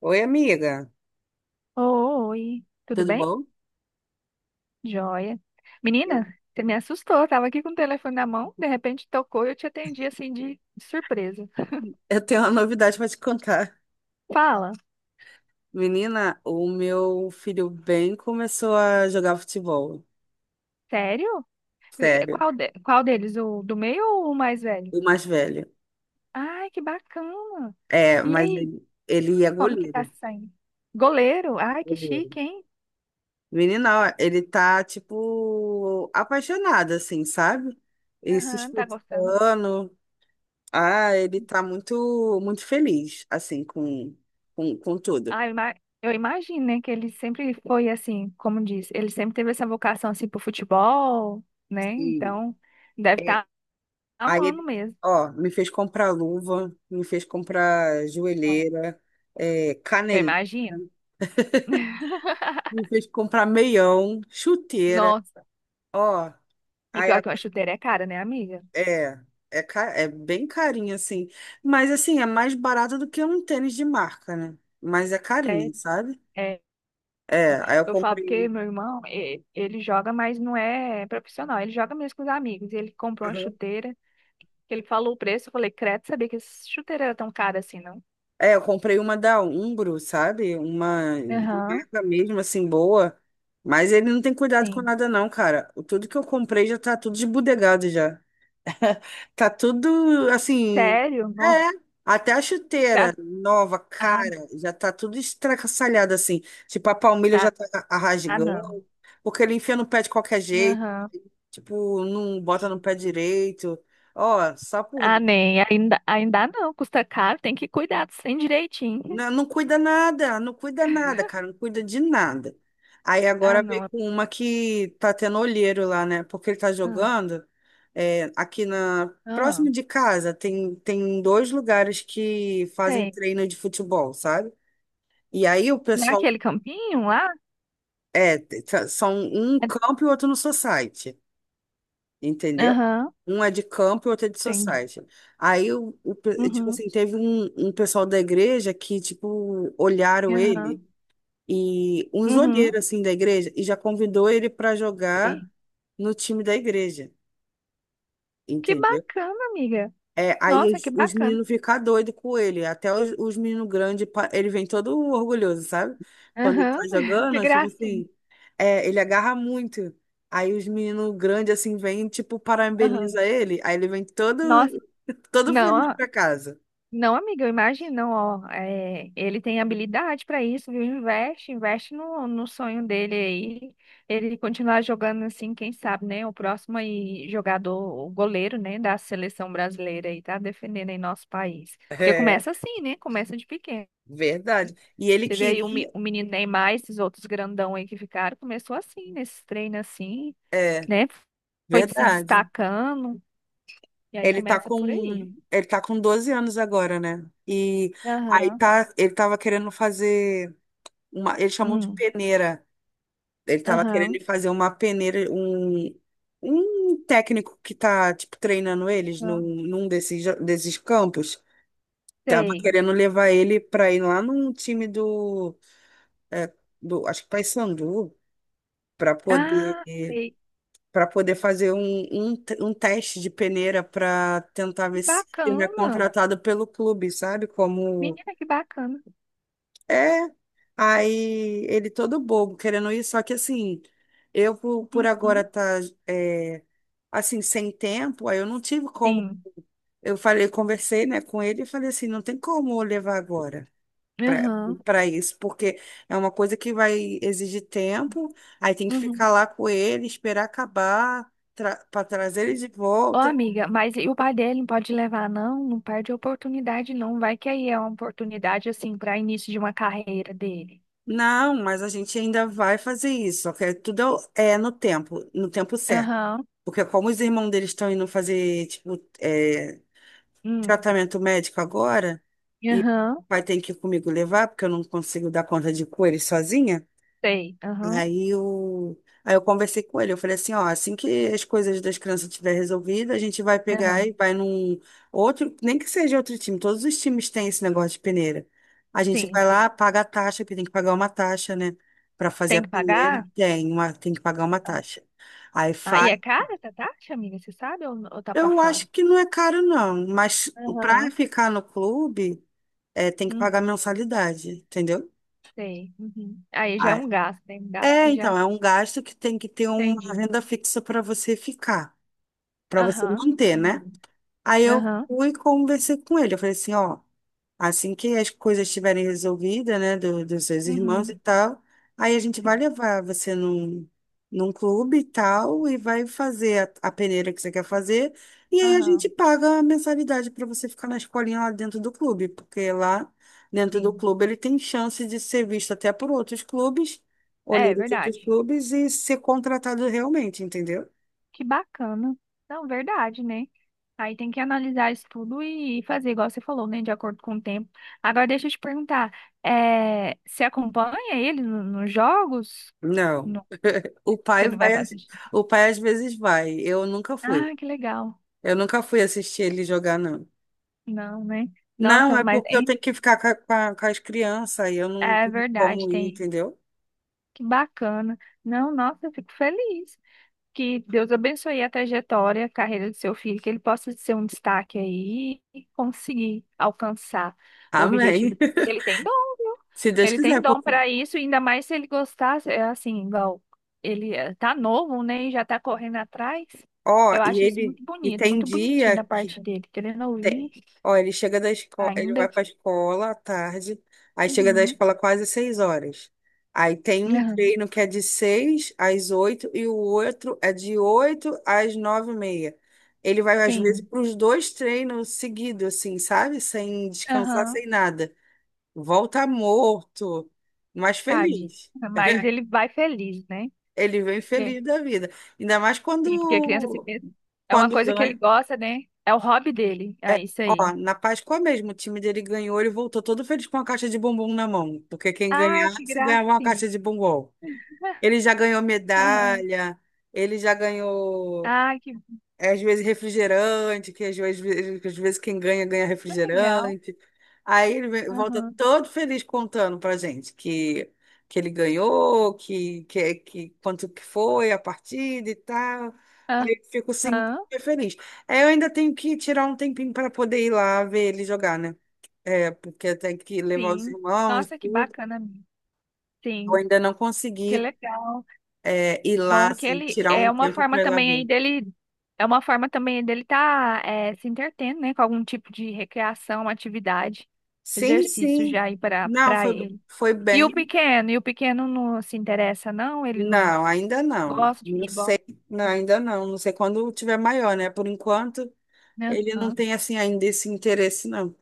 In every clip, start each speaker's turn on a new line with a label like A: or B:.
A: Oi, amiga.
B: Oi, tudo
A: Tudo
B: bem?
A: bom?
B: Joia. Menina,
A: Eu-
B: você me assustou. Eu tava aqui com o telefone na mão, de repente tocou e eu te atendi assim de surpresa.
A: Eu tenho uma novidade para te contar.
B: Fala,
A: Menina, o meu filho bem começou a jogar futebol.
B: sério?
A: Sério.
B: Qual deles? O do meio ou o mais velho?
A: O mais velho.
B: Ai, que bacana.
A: É,
B: E
A: mas
B: aí,
A: ele é
B: como que tá
A: goleiro.
B: se saindo? Goleiro? Ai, que
A: Goleiro.
B: chique, hein?
A: Menina, ó, ele tá, tipo, apaixonado, assim, sabe? E se
B: Aham, tá gostando.
A: esforçando. Ah, ele tá muito, muito feliz, assim, com tudo.
B: Ai, ima- eu imagino, né, que ele sempre foi assim, como diz, ele sempre teve essa vocação assim pro futebol, né? Então, deve estar
A: Aí
B: amando
A: ele,
B: mesmo.
A: ó, me fez comprar luva, me fez comprar joelheira, é,
B: Eu
A: caneleira,
B: imagino.
A: me fez comprar meião, chuteira,
B: Nossa.
A: ó.
B: E
A: Aí
B: pior
A: a-
B: que uma chuteira é cara, né, amiga?
A: é, é, ca- É bem carinho, assim. Mas, assim, é mais barato do que um tênis de marca, né? Mas é carinho,
B: Sério.
A: sabe?
B: É,
A: É, aí eu
B: eu falo porque
A: comprei.
B: meu ele joga, mas não é profissional. Ele joga mesmo com os amigos. Ele comprou uma chuteira, que ele falou o preço. Eu falei, credo, sabia que essa chuteira era tão cara assim, não?
A: É, eu comprei uma da Umbro, sabe? Uma
B: Aham,
A: marca mesmo, assim, boa. Mas ele não tem cuidado com
B: sim.
A: nada, não, cara. Tudo que eu comprei já tá tudo desbudegado já. Tá tudo, assim.
B: Sério? Não.
A: É. Até a
B: Já-
A: chuteira nova,
B: Ah,
A: cara, já tá tudo estracassalhado, assim. Tipo, a palmilha já
B: ah,
A: tá
B: ah,
A: rasgando.
B: não.
A: Porque ele enfia no pé de qualquer jeito.
B: Aham.
A: Tipo, não bota no pé direito. Ó, só por
B: Ah, nem. Ainda não. Custa caro, tem que cuidar sem direitinho.
A: Não, não cuida nada, não cuida nada, cara, não cuida de nada. Aí
B: Ah,
A: agora
B: não.
A: veio com uma que tá tendo olheiro lá, né? Porque ele tá
B: Ah,
A: jogando aqui na
B: ah,
A: próximo de casa tem dois lugares que fazem
B: sei.
A: treino de futebol, sabe? E aí o pessoal
B: Naquele campinho lá?
A: são um campo e outro no society, entendeu?
B: Aham.
A: Um é de campo e outro é de
B: Entendi.
A: society. Aí tipo
B: Uhum,
A: assim, teve um pessoal da igreja que tipo olharam ele
B: aham,
A: e um olheiros
B: uhum,
A: assim da igreja e já convidou ele para jogar
B: sei.
A: no time da igreja,
B: Que
A: entendeu?
B: bacana, amiga.
A: É, aí
B: Nossa,
A: os,
B: que
A: os
B: bacana.
A: meninos ficam doidos com ele, até os meninos grandes, ele vem todo orgulhoso, sabe? Quando ele tá
B: Aham,
A: jogando,
B: que
A: é tipo
B: gracinha.
A: assim, ele agarra muito. Aí os meninos grandes assim vêm, tipo,
B: Aham.
A: parabeniza ele, aí ele vem todo,
B: Nossa,
A: todo
B: não,
A: feliz
B: ah,
A: pra casa.
B: não, amiga, eu imagino, não, ó, é, ele tem habilidade para isso, viu? Investe, investe no sonho dele aí. Ele continuar jogando assim, quem sabe, né? O próximo aí jogador, o goleiro, né, da seleção brasileira aí, tá defendendo aí nosso país. Porque
A: É,
B: começa assim, né? Começa de pequeno.
A: verdade. E ele
B: Teve aí
A: queria,
B: o menino Neymar, esses outros grandão aí que ficaram, começou assim, nesse treino assim,
A: é,
B: né? Foi se
A: verdade.
B: destacando, e aí
A: Ele tá
B: começa por aí.
A: com, ele tá com 12 anos agora, né? E
B: Aham,
A: ele tava querendo fazer eles chamam de
B: hum,
A: peneira. Ele tava
B: aham,
A: querendo fazer uma peneira, um técnico que tá, tipo, treinando eles
B: aham,
A: num desses, desses campos. Tava
B: sei.
A: querendo levar ele pra ir lá num time é, do acho que Paysandu, pra poder
B: Ah, sei.
A: para poder fazer um teste de peneira para tentar
B: Que
A: ver se ele é
B: bacana.
A: contratado pelo clube, sabe? Como
B: Menina, que bacana.
A: é. Aí ele todo bobo querendo ir, só que assim, eu por agora
B: Uhum,
A: tá é, assim, sem tempo, aí eu não tive como.
B: sim,
A: Eu falei, conversei, né, com ele e falei assim, não tem como eu levar agora para
B: aham,
A: para isso, porque é uma coisa que vai exigir tempo, aí tem que
B: uhum.
A: ficar lá com ele, esperar acabar, tra para trazer ele de
B: Ô,
A: volta.
B: amiga, mas e o pai dele não pode levar, não? Não perde a oportunidade, não. Vai que aí é uma oportunidade, assim, para início de uma carreira dele.
A: Não, mas a gente ainda vai fazer isso, ok? Tudo é no tempo, no tempo certo.
B: Aham,
A: Porque como os irmãos deles estão indo fazer, tipo, é,
B: hum.
A: tratamento médico agora, e
B: Aham.
A: vai ter que ir comigo levar, porque eu não consigo dar conta de cores sozinha.
B: Sei. Aham.
A: Aí eu, aí eu conversei com ele, eu falei assim, ó, assim que as coisas das crianças tiver resolvidas, a gente vai pegar e
B: Aham.
A: vai num outro, nem que seja outro time, todos os times têm esse negócio de peneira. A gente
B: Sim,
A: vai
B: sim.
A: lá, paga a taxa, porque tem que pagar uma taxa, né? Para fazer
B: Tem
A: a
B: que
A: peneira,
B: pagar?
A: tem uma, tem que pagar uma taxa. Aí
B: Ah, e é
A: faz.
B: cara essa taxa, amiga? Você sabe ou tá por
A: Eu
B: fora?
A: acho que não é caro, não, mas para
B: Aham.
A: ficar no clube, é, tem que pagar
B: Hum,
A: mensalidade, entendeu?
B: sei. Uhum. Aí já é
A: Ah,
B: um gasto, tem um gasto
A: é,
B: que já
A: então, é um gasto que tem que ter uma
B: entendi.
A: renda fixa para você ficar. Para você
B: Aham.
A: manter, né?
B: Entendi.
A: Aí eu
B: Aham.
A: fui e conversei com ele. Eu falei assim, ó, assim que as coisas estiverem resolvidas, né, do, dos seus irmãos e
B: Uhum.
A: tal, aí a gente vai
B: Sim.
A: levar você num, num clube e tal, e vai fazer a peneira que você quer fazer, e aí a gente
B: Aham.
A: paga a mensalidade para você ficar na escolinha lá dentro do clube, porque lá dentro do
B: Sim.
A: clube ele tem chance de ser visto até por outros clubes,
B: É
A: olheiro de outros
B: verdade.
A: clubes e ser contratado realmente, entendeu?
B: Que bacana. Não, verdade, né? Aí tem que analisar isso tudo e fazer igual você falou, né? De acordo com o tempo. Agora deixa eu te perguntar, é, você acompanha ele nos jogos?
A: Não. O
B: Você
A: pai
B: não vai
A: vai,
B: para
A: às-
B: assistir.
A: o pai às vezes vai. Eu nunca
B: Ah,
A: fui.
B: que legal.
A: Eu nunca fui assistir ele jogar, não.
B: Não, né?
A: Não,
B: Nossa,
A: é
B: mas
A: porque eu
B: hein,
A: tenho que ficar com as crianças e eu não
B: é
A: tenho
B: verdade,
A: como ir,
B: tem.
A: entendeu?
B: Que bacana. Não, nossa, eu fico feliz. Que Deus abençoe a trajetória, a carreira do seu filho, que ele possa ser um destaque aí e conseguir alcançar o objetivo
A: Amém.
B: dele. Ele tem dom, viu?
A: Se Deus
B: Ele tem
A: quiser,
B: dom
A: porque,
B: para isso, ainda mais se ele gostasse, é assim, igual tá novo, né, e já tá correndo atrás.
A: ó,
B: Eu
A: e
B: acho isso
A: ele,
B: muito
A: e
B: bonito,
A: tem
B: muito bonitinho
A: dia
B: da
A: que
B: parte dele, querendo
A: tem.
B: ouvir
A: Ó, ele chega da escola, ele
B: ainda.
A: vai para a escola à tarde, aí chega da
B: Uhum.
A: escola quase 6 horas. Aí tem um
B: Aham,
A: treino que é de seis às oito e o outro é de oito às nove e meia. Ele vai, às vezes,
B: sim.
A: para os dois treinos seguidos, assim, sabe? Sem descansar, sem
B: Aham.
A: nada. Volta morto, mas
B: Tade.
A: feliz.
B: Mas ele vai feliz, né?
A: Ele vem
B: Porque-
A: feliz da vida. Ainda mais
B: Sim, porque a criança se
A: quando,
B: pensa- é uma
A: quando
B: coisa que ele
A: ganha.
B: gosta, né? É o hobby dele.
A: É,
B: É isso
A: ó,
B: aí.
A: na Páscoa mesmo, o time dele ganhou, ele voltou todo feliz com uma caixa de bombom na mão, porque quem
B: Ai, que
A: ganhasse ganhava uma
B: gracinha.
A: caixa de bombom. Ele já ganhou
B: Aham.
A: medalha, ele já ganhou
B: Ai, que
A: é, às vezes refrigerante, que às vezes quem ganha, ganha
B: legal.
A: refrigerante. Aí volta
B: Aham.
A: todo feliz contando pra gente que ele ganhou, que quanto que foi a partida e tal. Aí eu fico assim,
B: Aham.
A: super feliz. Aí eu ainda tenho que tirar um tempinho para poder ir lá ver ele jogar, né? É, porque eu tenho que levar os
B: Sim.
A: irmãos e
B: Nossa, que
A: tudo.
B: bacana, amiga.
A: Eu
B: Sim.
A: ainda não
B: Que
A: consegui,
B: legal.
A: é, ir lá,
B: Bom que
A: assim,
B: ele
A: tirar um
B: é uma
A: tempo
B: forma
A: para ir lá
B: também aí
A: ver.
B: dele É uma forma também dele tá, se entretendo, né, com algum tipo de recreação, atividade,
A: Sim,
B: exercício já
A: sim.
B: aí
A: Não,
B: para
A: foi,
B: ele.
A: foi
B: E o
A: bem.
B: pequeno, e o pequeno não se interessa, não, ele não
A: Não, ainda não.
B: gosta de
A: Não sei,
B: futebol,
A: não, ainda não. Não sei quando tiver maior, né? Por enquanto,
B: né?
A: ele não
B: Aham.
A: tem assim ainda esse interesse, não.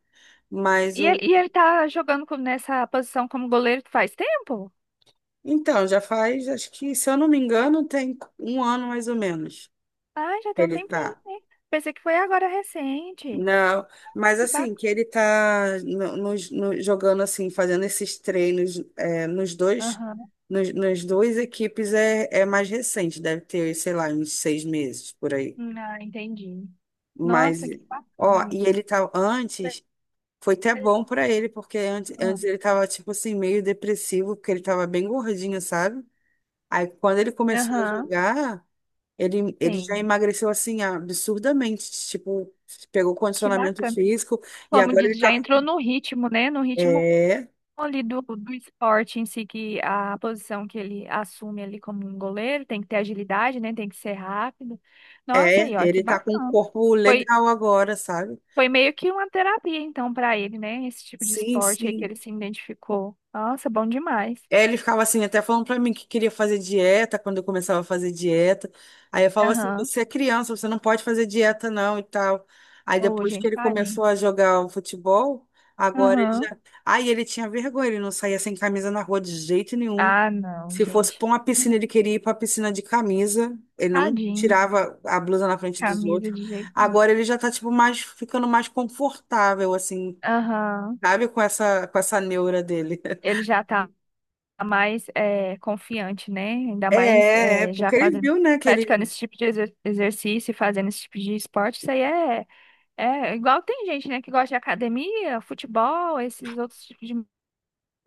A: Mas
B: E ele,
A: o.
B: e ele tá jogando nessa posição como goleiro faz tempo?
A: Então, já faz, acho que, se eu não me engano, tem um ano mais ou menos
B: Ah, já
A: que
B: tem um
A: ele
B: tempinho,
A: tá.
B: né? Pensei que foi agora recente.
A: Não, mas
B: Que
A: assim, que
B: bacana.
A: ele tá jogando assim, fazendo esses treinos é, nos dois,
B: Aham.
A: nas duas equipes é, é mais recente, deve ter, sei lá, uns 6 meses por aí.
B: Ah, entendi.
A: Mas.
B: Nossa, que bacana,
A: Ó, e
B: amiga.
A: ele tá antes. Foi até bom
B: Feliz.
A: pra ele, porque antes, antes
B: Hum.
A: ele tava, tipo assim, meio depressivo, porque ele tava bem gordinho, sabe? Aí quando ele começou a
B: Aham,
A: jogar, ele já
B: sim.
A: emagreceu, assim, absurdamente. Tipo, pegou
B: Que
A: condicionamento
B: bacana.
A: físico e
B: Como
A: agora ele
B: diz, já
A: tá.
B: entrou no ritmo, né? No ritmo
A: É,
B: ali do esporte em si, que a posição que ele assume ali como um goleiro tem que ter agilidade, né? Tem que ser rápido. Nossa, aí, ó, que
A: Ele tá com um
B: bacana.
A: corpo
B: Foi,
A: legal agora, sabe?
B: foi meio que uma terapia, então, para ele, né? Esse tipo de
A: Sim,
B: esporte aí que
A: sim.
B: ele se identificou. Nossa, bom demais.
A: É, ele ficava assim, até falando pra mim que queria fazer dieta quando eu começava a fazer dieta. Aí eu falava assim:
B: Aham.
A: você é criança, você não pode fazer dieta não e tal. Aí
B: Ô,
A: depois que
B: gente,
A: ele
B: tadinho.
A: começou a jogar o futebol, agora ele
B: Aham.
A: já. Aí ele tinha vergonha, ele não saía sem camisa na rua de jeito nenhum.
B: Ah, não,
A: Se fosse
B: gente.
A: pra uma piscina, ele queria ir pra piscina de camisa. Ele não
B: Tadinho.
A: tirava a blusa na frente dos
B: Camisa
A: outros.
B: de jeito nenhum.
A: Agora ele já tá, tipo, mais, ficando mais confortável, assim,
B: Aham.
A: sabe, com essa neura dele.
B: Ele já tá mais, confiante, né? Ainda mais,
A: É, é,
B: já
A: porque ele
B: fazendo,
A: viu, né, que
B: praticando
A: ele...
B: esse tipo de exercício e fazendo esse tipo de esporte, isso aí é, é igual tem gente, né, que gosta de academia, futebol, esses outros tipos de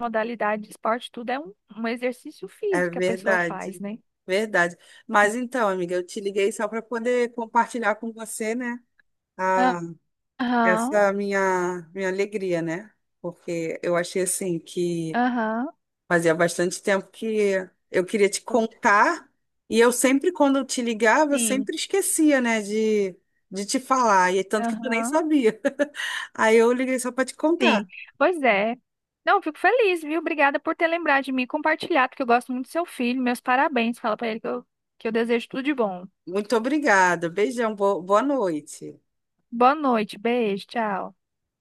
B: modalidade de esporte, tudo é um, um exercício
A: É
B: físico que a pessoa faz,
A: verdade,
B: né?
A: verdade. Mas então, amiga, eu te liguei só para poder compartilhar com você, né, a,
B: Aham,
A: essa minha alegria, né? Porque eu achei, assim, que
B: aham,
A: fazia bastante tempo que eu queria te contar e eu sempre, quando eu te ligava, eu
B: sim,
A: sempre esquecia, né, de te falar. E tanto que tu nem
B: aham.
A: sabia. Aí eu liguei só para te
B: Sim,
A: contar.
B: pois é. Não, eu fico feliz, viu? Obrigada por ter lembrado de mim e compartilhado, porque eu gosto muito do seu filho. Meus parabéns. Fala pra ele que eu desejo tudo de bom.
A: Muito obrigada. Beijão. Boa noite.
B: Boa noite, beijo, tchau.